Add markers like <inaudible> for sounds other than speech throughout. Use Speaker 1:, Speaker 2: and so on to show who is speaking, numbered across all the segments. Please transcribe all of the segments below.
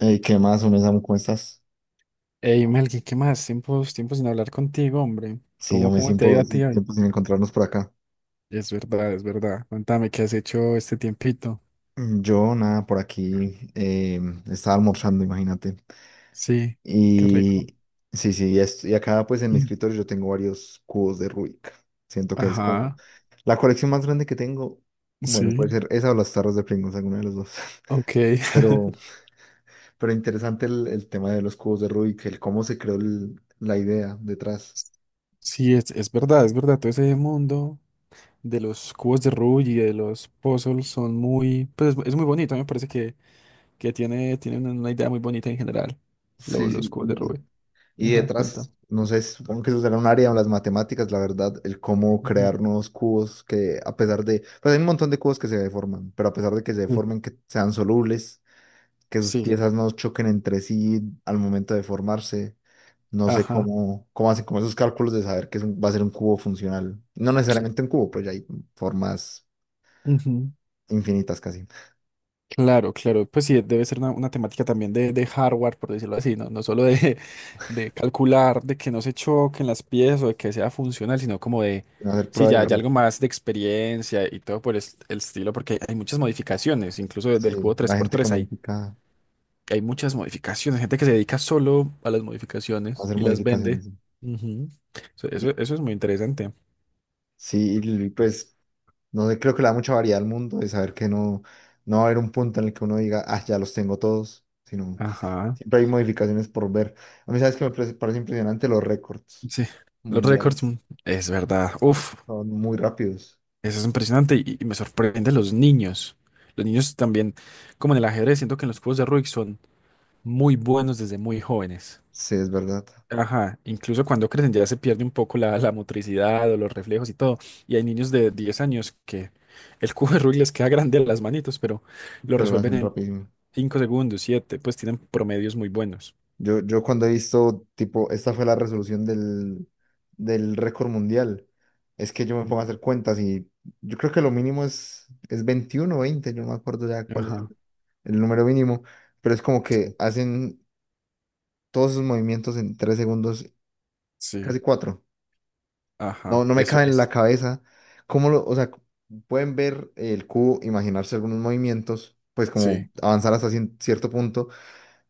Speaker 1: Ey, ¿qué más, uno Samu? ¿Cómo estás?
Speaker 2: Ey, Melqui, ¿qué más? Tiempos, tiempos sin hablar contigo, hombre.
Speaker 1: Sí, yo
Speaker 2: ¿Cómo,
Speaker 1: me
Speaker 2: cómo te ha ido
Speaker 1: tiempo,
Speaker 2: a ti hoy?
Speaker 1: tiempo sin encontrarnos por acá.
Speaker 2: Es verdad, es verdad. Cuéntame, ¿qué has hecho este tiempito?
Speaker 1: Yo, nada, por aquí estaba almorzando, imagínate.
Speaker 2: Sí, qué rico.
Speaker 1: Y sí, sí, y, y acá pues en mi
Speaker 2: Mm.
Speaker 1: escritorio yo tengo varios cubos de Rubik. Siento que es como
Speaker 2: Ajá,
Speaker 1: la colección más grande que tengo. Bueno,
Speaker 2: sí,
Speaker 1: puede ser esa o las tarros de Pringles, alguna de las dos.
Speaker 2: ok.
Speaker 1: <laughs> Pero, pero interesante el tema de los cubos de Rubik, el cómo se creó la idea detrás.
Speaker 2: <laughs> Sí, es verdad, es verdad. Todo ese mundo de los cubos de Rubik y de los puzzles son muy, pues es muy bonito. A mí me parece que tiene una idea muy bonita en general, lo-
Speaker 1: Sí,
Speaker 2: los
Speaker 1: sí.
Speaker 2: cubos de Rubik.
Speaker 1: Y
Speaker 2: Ajá, cuéntame.
Speaker 1: detrás, no sé, supongo que eso será un área de las matemáticas, la verdad, el cómo
Speaker 2: Ujú.
Speaker 1: crear nuevos cubos que a pesar de, pues hay un montón de cubos que se deforman, pero a pesar de que se
Speaker 2: Sí,
Speaker 1: deformen, que sean solubles, que sus
Speaker 2: sí,
Speaker 1: piezas no choquen entre sí al momento de formarse, no sé
Speaker 2: ajá.
Speaker 1: cómo, cómo hacen como esos cálculos de saber que es va a ser un cubo funcional. No necesariamente un cubo, pues ya hay formas infinitas casi.
Speaker 2: Claro, claro, pues sí, debe ser una temática también de hardware, por decirlo así, ¿no? No solo de, <laughs> de calcular, de que no se choquen las piezas o de que sea funcional, sino como de,
Speaker 1: Van a hacer
Speaker 2: sí,
Speaker 1: prueba y
Speaker 2: ya, ya
Speaker 1: error.
Speaker 2: algo más de experiencia y todo por el estilo, porque hay muchas modificaciones, incluso desde el cubo
Speaker 1: Sí,
Speaker 2: tres
Speaker 1: la
Speaker 2: por
Speaker 1: gente que
Speaker 2: tres hay,
Speaker 1: modifica,
Speaker 2: hay muchas modificaciones, gente que se dedica solo a las
Speaker 1: va a
Speaker 2: modificaciones
Speaker 1: hacer
Speaker 2: y las
Speaker 1: modificaciones.
Speaker 2: vende.
Speaker 1: Sí.
Speaker 2: Ujú. Eso,
Speaker 1: Y-
Speaker 2: eso es muy interesante.
Speaker 1: Sí, y pues no creo que le da mucha variedad al mundo de saber que no, no va a haber un punto en el que uno diga, ah, ya los tengo todos, sino
Speaker 2: Ajá,
Speaker 1: siempre hay modificaciones por ver. A mí, ¿sabes que me parece impresionante los récords
Speaker 2: sí, los récords,
Speaker 1: mundiales?
Speaker 2: mm, es verdad, uf.
Speaker 1: Son muy rápidos.
Speaker 2: Eso es impresionante y me sorprende los niños. Los niños también, como en el ajedrez, siento que en los cubos de Rubik son muy buenos desde muy jóvenes.
Speaker 1: Sí, es verdad,
Speaker 2: Ajá, incluso cuando crecen ya se pierde un poco la, la motricidad o los reflejos y todo. Y hay niños de 10 años que el cubo de Rubik les queda grande a las manitos, pero lo
Speaker 1: pero lo
Speaker 2: resuelven
Speaker 1: hacen
Speaker 2: en
Speaker 1: rapidísimo.
Speaker 2: 5 segundos, siete. Pues tienen promedios muy buenos.
Speaker 1: Yo cuando he visto, tipo, esta fue la resolución del récord mundial, es que yo me
Speaker 2: Mm.
Speaker 1: pongo a hacer cuentas y yo creo que lo mínimo es 21 o 20, yo no me acuerdo ya cuál es
Speaker 2: Ajá,
Speaker 1: el número mínimo, pero es como que
Speaker 2: sí,
Speaker 1: hacen todos esos movimientos en 3 segundos,
Speaker 2: sí,
Speaker 1: casi cuatro. No,
Speaker 2: ajá,
Speaker 1: no me
Speaker 2: eso
Speaker 1: cabe en la
Speaker 2: es,
Speaker 1: cabeza. ¿Cómo lo, o sea, pueden ver el cubo, imaginarse algunos movimientos, pues como
Speaker 2: sí,
Speaker 1: avanzar hasta cierto punto,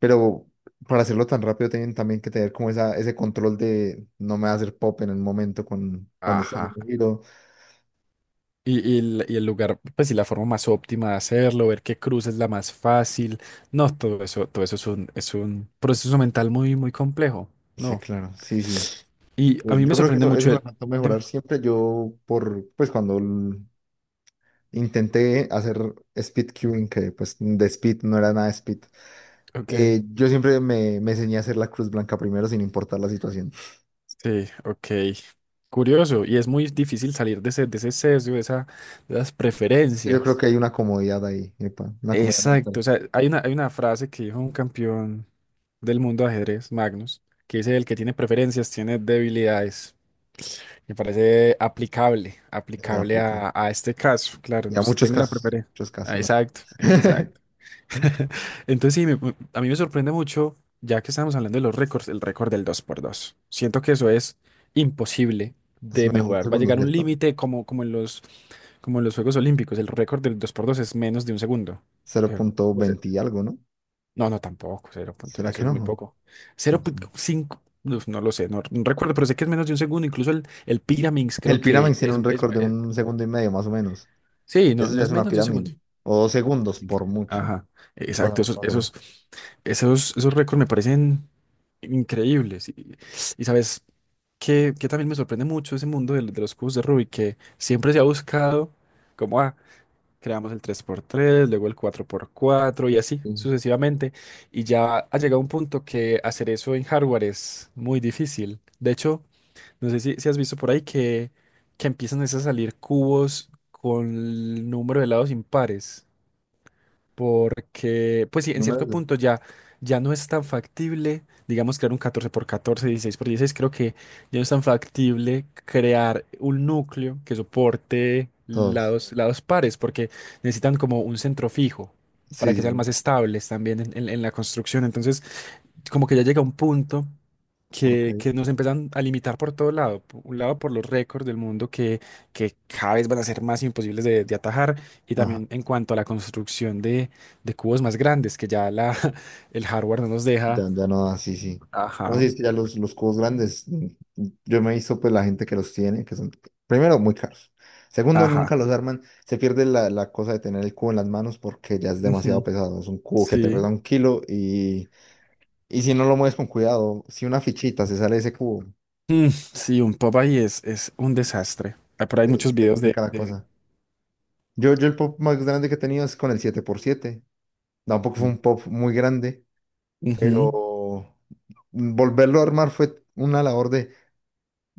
Speaker 1: pero para hacerlo tan rápido tienen también que tener como esa, ese control de no me va hacer pop en el momento con, cuando está
Speaker 2: ajá.
Speaker 1: haciendo el giro?
Speaker 2: Y el lugar, pues y la forma más óptima de hacerlo, ver qué cruz es la más fácil. No, todo eso es un proceso mental muy, muy complejo.
Speaker 1: Sí,
Speaker 2: No.
Speaker 1: claro, sí, sí.
Speaker 2: Y
Speaker 1: Yo
Speaker 2: a mí
Speaker 1: yo
Speaker 2: me
Speaker 1: creo que
Speaker 2: sorprende
Speaker 1: eso
Speaker 2: mucho
Speaker 1: me
Speaker 2: el.
Speaker 1: faltó
Speaker 2: Dime.
Speaker 1: mejorar siempre. Yo, por, pues cuando intenté hacer speed queuing, que pues de speed no era nada speed.
Speaker 2: Ok.
Speaker 1: Yo siempre me, me enseñé a hacer la cruz blanca primero sin importar la situación.
Speaker 2: Sí, ok. Curioso. Y es muy difícil salir de ese sesgo, de esa, de las
Speaker 1: Es que yo creo
Speaker 2: preferencias.
Speaker 1: que hay una comodidad ahí, epa, una comodidad
Speaker 2: Exacto.
Speaker 1: mental
Speaker 2: O sea, hay una frase que dijo un campeón del mundo de ajedrez, Magnus, que dice el que tiene preferencias tiene debilidades. Me parece aplicable,
Speaker 1: en
Speaker 2: aplicable
Speaker 1: África.
Speaker 2: a este caso, claro,
Speaker 1: Y a
Speaker 2: no, si
Speaker 1: muchos
Speaker 2: tengo la
Speaker 1: casos,
Speaker 2: preferencia.
Speaker 1: muchos
Speaker 2: Ah,
Speaker 1: casos. La-
Speaker 2: exacto,
Speaker 1: <laughs>
Speaker 2: exacto. <laughs> Entonces sí, a mí me sorprende mucho, ya que estamos hablando de los récords, el récord del 2x2. Siento que eso es imposible
Speaker 1: Es
Speaker 2: de
Speaker 1: menos de un
Speaker 2: mejorar. Va a
Speaker 1: segundo,
Speaker 2: llegar un
Speaker 1: ¿cierto?
Speaker 2: límite como, como en los Juegos Olímpicos. El récord del dos por dos es menos de un segundo. O sea, pues,
Speaker 1: 0.20 y algo, ¿no?
Speaker 2: no, no, tampoco, cero punto,
Speaker 1: ¿Será que
Speaker 2: eso es muy
Speaker 1: no?
Speaker 2: poco.
Speaker 1: No
Speaker 2: cero
Speaker 1: sé.
Speaker 2: punto cinco no, no lo sé, no, no recuerdo, pero sé que es menos de un segundo, incluso el Pyraminx creo
Speaker 1: El
Speaker 2: que
Speaker 1: Pyraminx tiene
Speaker 2: es,
Speaker 1: un récord de un segundo y medio, más o menos.
Speaker 2: sí, no,
Speaker 1: Eso
Speaker 2: no
Speaker 1: ya
Speaker 2: es
Speaker 1: es una
Speaker 2: menos de un segundo.
Speaker 1: pirámide. O dos segundos,
Speaker 2: Es
Speaker 1: por
Speaker 2: increíble.
Speaker 1: mucho.
Speaker 2: Ajá,
Speaker 1: No pasa
Speaker 2: exacto,
Speaker 1: mucho
Speaker 2: esos,
Speaker 1: más
Speaker 2: esos,
Speaker 1: allá.
Speaker 2: esos, esos récords me parecen increíbles. Y sabes que también me sorprende mucho ese mundo de los cubos de Rubik, que siempre se ha buscado, como, ah, creamos el 3x3 luego el 4x4 y así
Speaker 1: Sí.
Speaker 2: sucesivamente. Y ya ha llegado un punto que hacer eso en hardware es muy difícil. De hecho, no sé si, si has visto por ahí que empiezan es a salir cubos con el número de lados impares porque, pues sí, en
Speaker 1: Números
Speaker 2: cierto
Speaker 1: de
Speaker 2: punto ya, ya no es tan factible, digamos, crear un 14x14. 16x16 creo que ya no es tan factible crear un núcleo que soporte
Speaker 1: todos.
Speaker 2: lados, lados pares, porque necesitan como un centro fijo para
Speaker 1: Sí, sí,
Speaker 2: que sean
Speaker 1: sí.
Speaker 2: más estables también en, en la construcción. Entonces, como que ya llega un punto
Speaker 1: Ok.
Speaker 2: que nos empiezan a limitar por todo lado. Por un lado, por los récords del mundo que cada vez van a ser más imposibles de atajar, y
Speaker 1: Ajá.
Speaker 2: también en cuanto a la construcción de cubos más grandes, que ya la, <laughs> el hardware no nos
Speaker 1: Ya,
Speaker 2: deja.
Speaker 1: ya no, da, sí, sí. No, sí,
Speaker 2: Ajá,
Speaker 1: es que ya los cubos grandes, yo me he visto pues la gente que los tiene, que son, primero, muy caros. Segundo, nunca
Speaker 2: ajá,
Speaker 1: los arman. Se pierde la, la cosa de tener el cubo en las manos porque ya es demasiado
Speaker 2: ujú,
Speaker 1: pesado. Es un cubo que te pesa
Speaker 2: sí.
Speaker 1: un kilo y si no lo mueves con cuidado, si una fichita se sale de ese cubo,
Speaker 2: Mm, sí, un pop ahí es un desastre. Ah, por ahí
Speaker 1: te,
Speaker 2: hay muchos
Speaker 1: te
Speaker 2: videos
Speaker 1: complica la
Speaker 2: de-
Speaker 1: cosa. Yo el pop más grande que he tenido es con el 7x7. Tampoco fue un pop muy grande,
Speaker 2: Ujú,
Speaker 1: pero volverlo a armar fue una labor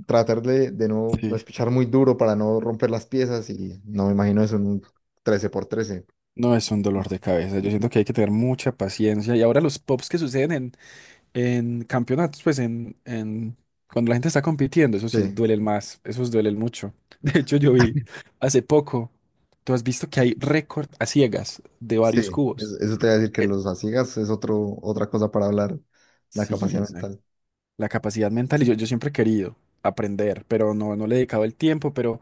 Speaker 1: tratar de no
Speaker 2: sí.
Speaker 1: espichar muy duro para no romper las piezas, y no me imagino eso en un 13x13.
Speaker 2: No, es un dolor
Speaker 1: No.
Speaker 2: de cabeza. Yo siento que hay que tener mucha paciencia. Y ahora los pops que suceden en campeonatos, pues en cuando la gente está compitiendo, eso sí
Speaker 1: Sí,
Speaker 2: duele más, esos duelen mucho. <laughs> De hecho, yo vi hace poco, tú has visto que hay récord a ciegas de varios
Speaker 1: sí,
Speaker 2: cubos.
Speaker 1: eso te voy a decir que
Speaker 2: Eh,
Speaker 1: los asigas es otro, otra cosa para hablar, la
Speaker 2: Sí,
Speaker 1: capacidad
Speaker 2: exacto.
Speaker 1: mental.
Speaker 2: La capacidad mental, y yo siempre he querido aprender, pero no, no le he dedicado el tiempo,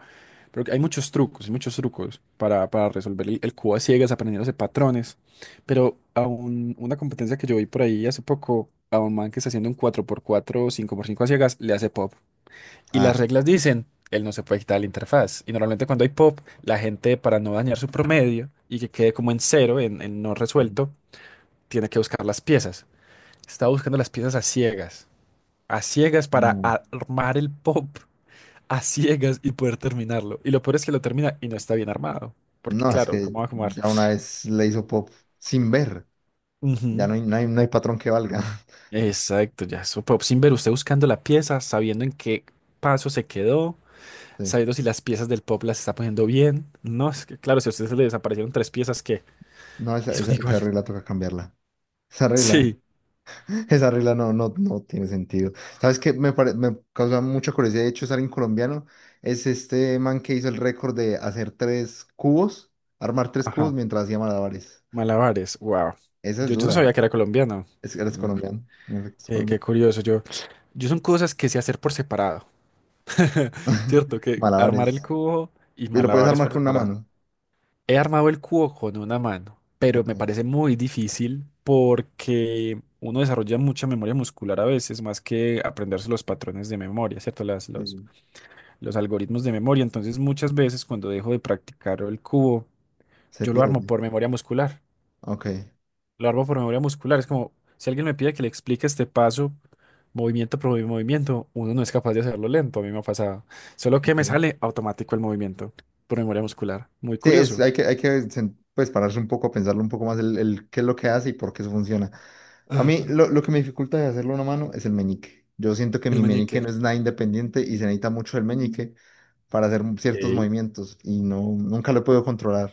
Speaker 2: pero hay muchos trucos para resolver el cubo a ciegas, aprendiéndose patrones. Pero a una competencia que yo vi por ahí hace poco, a un man que está haciendo un 4x4 o 5x5 a ciegas, le hace pop. Y las
Speaker 1: Ah,
Speaker 2: reglas dicen, él no se puede quitar la interfaz. Y normalmente cuando hay pop, la gente para no dañar su promedio y que quede como en cero, en no resuelto, tiene que buscar las piezas. Está buscando las piezas a ciegas. A ciegas para
Speaker 1: no,
Speaker 2: armar el pop. A ciegas y poder terminarlo. Y lo peor es que lo termina y no está bien armado. Porque
Speaker 1: no, es
Speaker 2: claro,
Speaker 1: que
Speaker 2: ¿cómo va a armar?
Speaker 1: ya una vez le hizo pop sin ver, ya
Speaker 2: Ujú.
Speaker 1: no hay, no hay, no hay patrón que valga. <laughs>
Speaker 2: Exacto, ya. Su pop sin ver usted buscando la pieza, sabiendo en qué paso se quedó,
Speaker 1: Sí.
Speaker 2: sabiendo si las piezas del pop las está poniendo bien. No, es que claro, si a usted le desaparecieron tres piezas ¿qué?
Speaker 1: No,
Speaker 2: Y
Speaker 1: esa,
Speaker 2: son
Speaker 1: esa,
Speaker 2: <laughs>
Speaker 1: esa
Speaker 2: iguales.
Speaker 1: regla toca cambiarla. Esa regla,
Speaker 2: Sí,
Speaker 1: esa regla no, no, no tiene sentido. ¿Sabes qué? Me, me causa mucha curiosidad, de hecho, es alguien colombiano. Es este man que hizo el récord de hacer 3 cubos, armar tres cubos
Speaker 2: ajá.
Speaker 1: mientras hacía malabares.
Speaker 2: Malabares, wow.
Speaker 1: Esa es
Speaker 2: Yo no
Speaker 1: dura.
Speaker 2: sabía que era colombiano.
Speaker 1: Es, eres
Speaker 2: Mm,
Speaker 1: colombiano. En efecto, es
Speaker 2: qué, qué
Speaker 1: colombiano.
Speaker 2: curioso. Yo son cosas que sé hacer por separado. <laughs> Cierto,
Speaker 1: <laughs>
Speaker 2: que armar el
Speaker 1: Malabares.
Speaker 2: cubo y
Speaker 1: Y lo puedes
Speaker 2: malabares
Speaker 1: armar
Speaker 2: por
Speaker 1: con una
Speaker 2: separado.
Speaker 1: mano.
Speaker 2: He armado el cubo con una mano, pero
Speaker 1: Ok.
Speaker 2: me parece muy difícil porque uno desarrolla mucha memoria muscular a veces, más que aprenderse los patrones de memoria, ¿cierto? Las,
Speaker 1: Sí, sí.
Speaker 2: los algoritmos de memoria. Entonces, muchas veces cuando dejo de practicar el cubo,
Speaker 1: Se
Speaker 2: yo lo armo
Speaker 1: pierde.
Speaker 2: por memoria muscular.
Speaker 1: Ok.
Speaker 2: Lo armo por memoria muscular. Es como si alguien me pide que le explique este paso, movimiento por movimiento, uno no es capaz de hacerlo lento. A mí me ha pasado. Solo que
Speaker 1: Ok.
Speaker 2: me sale automático el movimiento por memoria muscular. Muy
Speaker 1: Sí, es,
Speaker 2: curioso.
Speaker 1: hay que pues, pararse un poco, pensarlo un poco más el qué es lo que hace y por qué eso funciona. A mí
Speaker 2: Ah,
Speaker 1: lo que me dificulta de hacerlo a una mano es el meñique. Yo siento que
Speaker 2: el
Speaker 1: mi meñique
Speaker 2: meñique.
Speaker 1: no es nada independiente y se necesita mucho el meñique para hacer ciertos
Speaker 2: Ok.
Speaker 1: movimientos y no, nunca lo puedo controlar.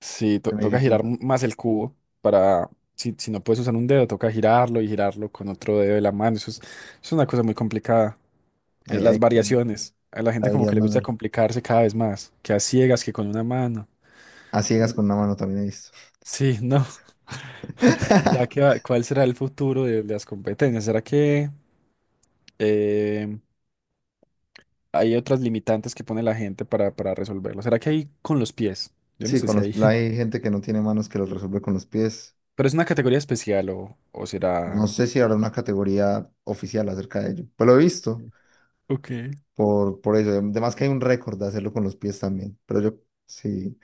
Speaker 2: Sí,
Speaker 1: Se me
Speaker 2: toca girar
Speaker 1: dificulta.
Speaker 2: más el cubo para. Si, si no puedes usar un dedo, toca girarlo y girarlo con otro dedo de la mano. Eso es una cosa muy complicada. Eh,
Speaker 1: Ahí,
Speaker 2: las
Speaker 1: ahí tengo
Speaker 2: variaciones. A la
Speaker 1: la
Speaker 2: gente como
Speaker 1: habilidad
Speaker 2: que le gusta
Speaker 1: manual.
Speaker 2: complicarse cada vez más, que a ciegas, que con una mano.
Speaker 1: A ciegas
Speaker 2: No.
Speaker 1: con una mano también he visto.
Speaker 2: Sí, no. <laughs> Ya que
Speaker 1: <laughs>
Speaker 2: cuál será el futuro de las competencias. ¿Será que eh, hay otras limitantes que pone la gente para resolverlo? ¿Será que hay con los pies? Yo no
Speaker 1: Sí,
Speaker 2: sé
Speaker 1: con
Speaker 2: si
Speaker 1: los,
Speaker 2: hay.
Speaker 1: hay
Speaker 2: <laughs>
Speaker 1: gente que no tiene manos que los resuelve con los pies.
Speaker 2: Pero es una categoría especial o
Speaker 1: No
Speaker 2: será...
Speaker 1: sé si habrá una categoría oficial acerca de ello. Pues lo he visto
Speaker 2: Ok.
Speaker 1: por eso. Además que hay un récord de hacerlo con los pies también. Pero yo sí.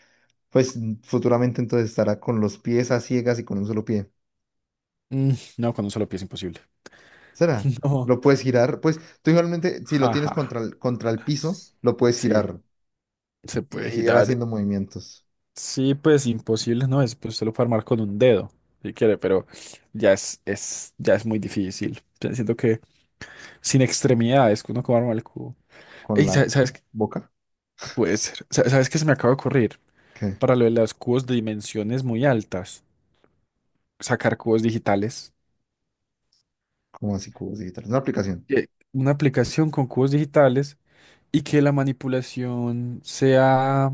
Speaker 1: Pues futuramente entonces estará con los pies a ciegas y con un solo pie.
Speaker 2: Mm, no, con un solo pie es imposible.
Speaker 1: ¿Será?
Speaker 2: <laughs> No.
Speaker 1: Lo puedes girar. Pues tú igualmente, si lo tienes
Speaker 2: Jaja.
Speaker 1: contra el piso, lo puedes
Speaker 2: Sí,
Speaker 1: girar
Speaker 2: se
Speaker 1: y
Speaker 2: puede
Speaker 1: ir
Speaker 2: girar.
Speaker 1: haciendo movimientos
Speaker 2: Sí, pues imposible no es, pues usted lo puede armar con un dedo, si quiere, pero ya es, ya es muy difícil. Yo siento que sin extremidades, que uno cómo arma el cubo.
Speaker 1: con
Speaker 2: Ey,
Speaker 1: la
Speaker 2: ¿sabes, sabes qué?
Speaker 1: boca.
Speaker 2: Puede ser. ¿Sabes qué se me acaba de ocurrir?
Speaker 1: ¿Qué?
Speaker 2: Para lo de los cubos de dimensiones muy altas, sacar cubos digitales.
Speaker 1: ¿Cómo así cubos digitales? Una aplicación.
Speaker 2: Que una aplicación con cubos digitales y que la manipulación sea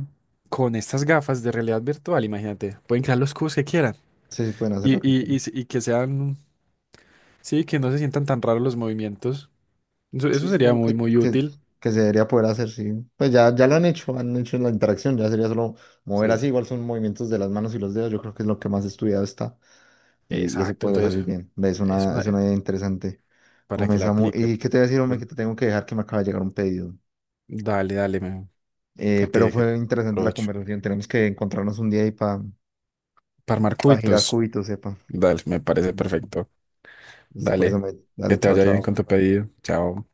Speaker 2: con estas gafas de realidad virtual, imagínate. Pueden crear los cubos que quieran
Speaker 1: Sí, sí pueden hacer
Speaker 2: y,
Speaker 1: lo que hacerlo.
Speaker 2: y que sean. Sí, que no se sientan tan raros los movimientos. Eso,
Speaker 1: Sí,
Speaker 2: eso sería
Speaker 1: supongo
Speaker 2: muy, muy útil.
Speaker 1: que se debería poder hacer, sí. Pues ya, ya lo han hecho la interacción. Ya sería solo mover así.
Speaker 2: Sí.
Speaker 1: Igual son movimientos de las manos y los dedos. Yo creo que es lo que más estudiado está. Y eso
Speaker 2: Exacto,
Speaker 1: podría
Speaker 2: entonces
Speaker 1: salir bien. Ve, es
Speaker 2: es
Speaker 1: una,
Speaker 2: una,
Speaker 1: es una idea interesante.
Speaker 2: para
Speaker 1: Hombre,
Speaker 2: que la
Speaker 1: Samu, ¿y
Speaker 2: apliquen.
Speaker 1: qué te voy a decir, hombre?
Speaker 2: Bueno,
Speaker 1: Que te tengo que dejar que me acaba de llegar un pedido.
Speaker 2: dale, dale,
Speaker 1: Pero
Speaker 2: que te
Speaker 1: fue interesante la
Speaker 2: aprovecho.
Speaker 1: conversación. Tenemos que encontrarnos un día ahí para
Speaker 2: Para armar
Speaker 1: girar
Speaker 2: cubitos,
Speaker 1: cubitos, sepa.
Speaker 2: dale, me parece
Speaker 1: Listo,
Speaker 2: perfecto.
Speaker 1: listo, pues,
Speaker 2: Dale,
Speaker 1: hombre.
Speaker 2: que
Speaker 1: Dale,
Speaker 2: te
Speaker 1: chao,
Speaker 2: vaya bien
Speaker 1: chao.
Speaker 2: con tu pedido. Chao.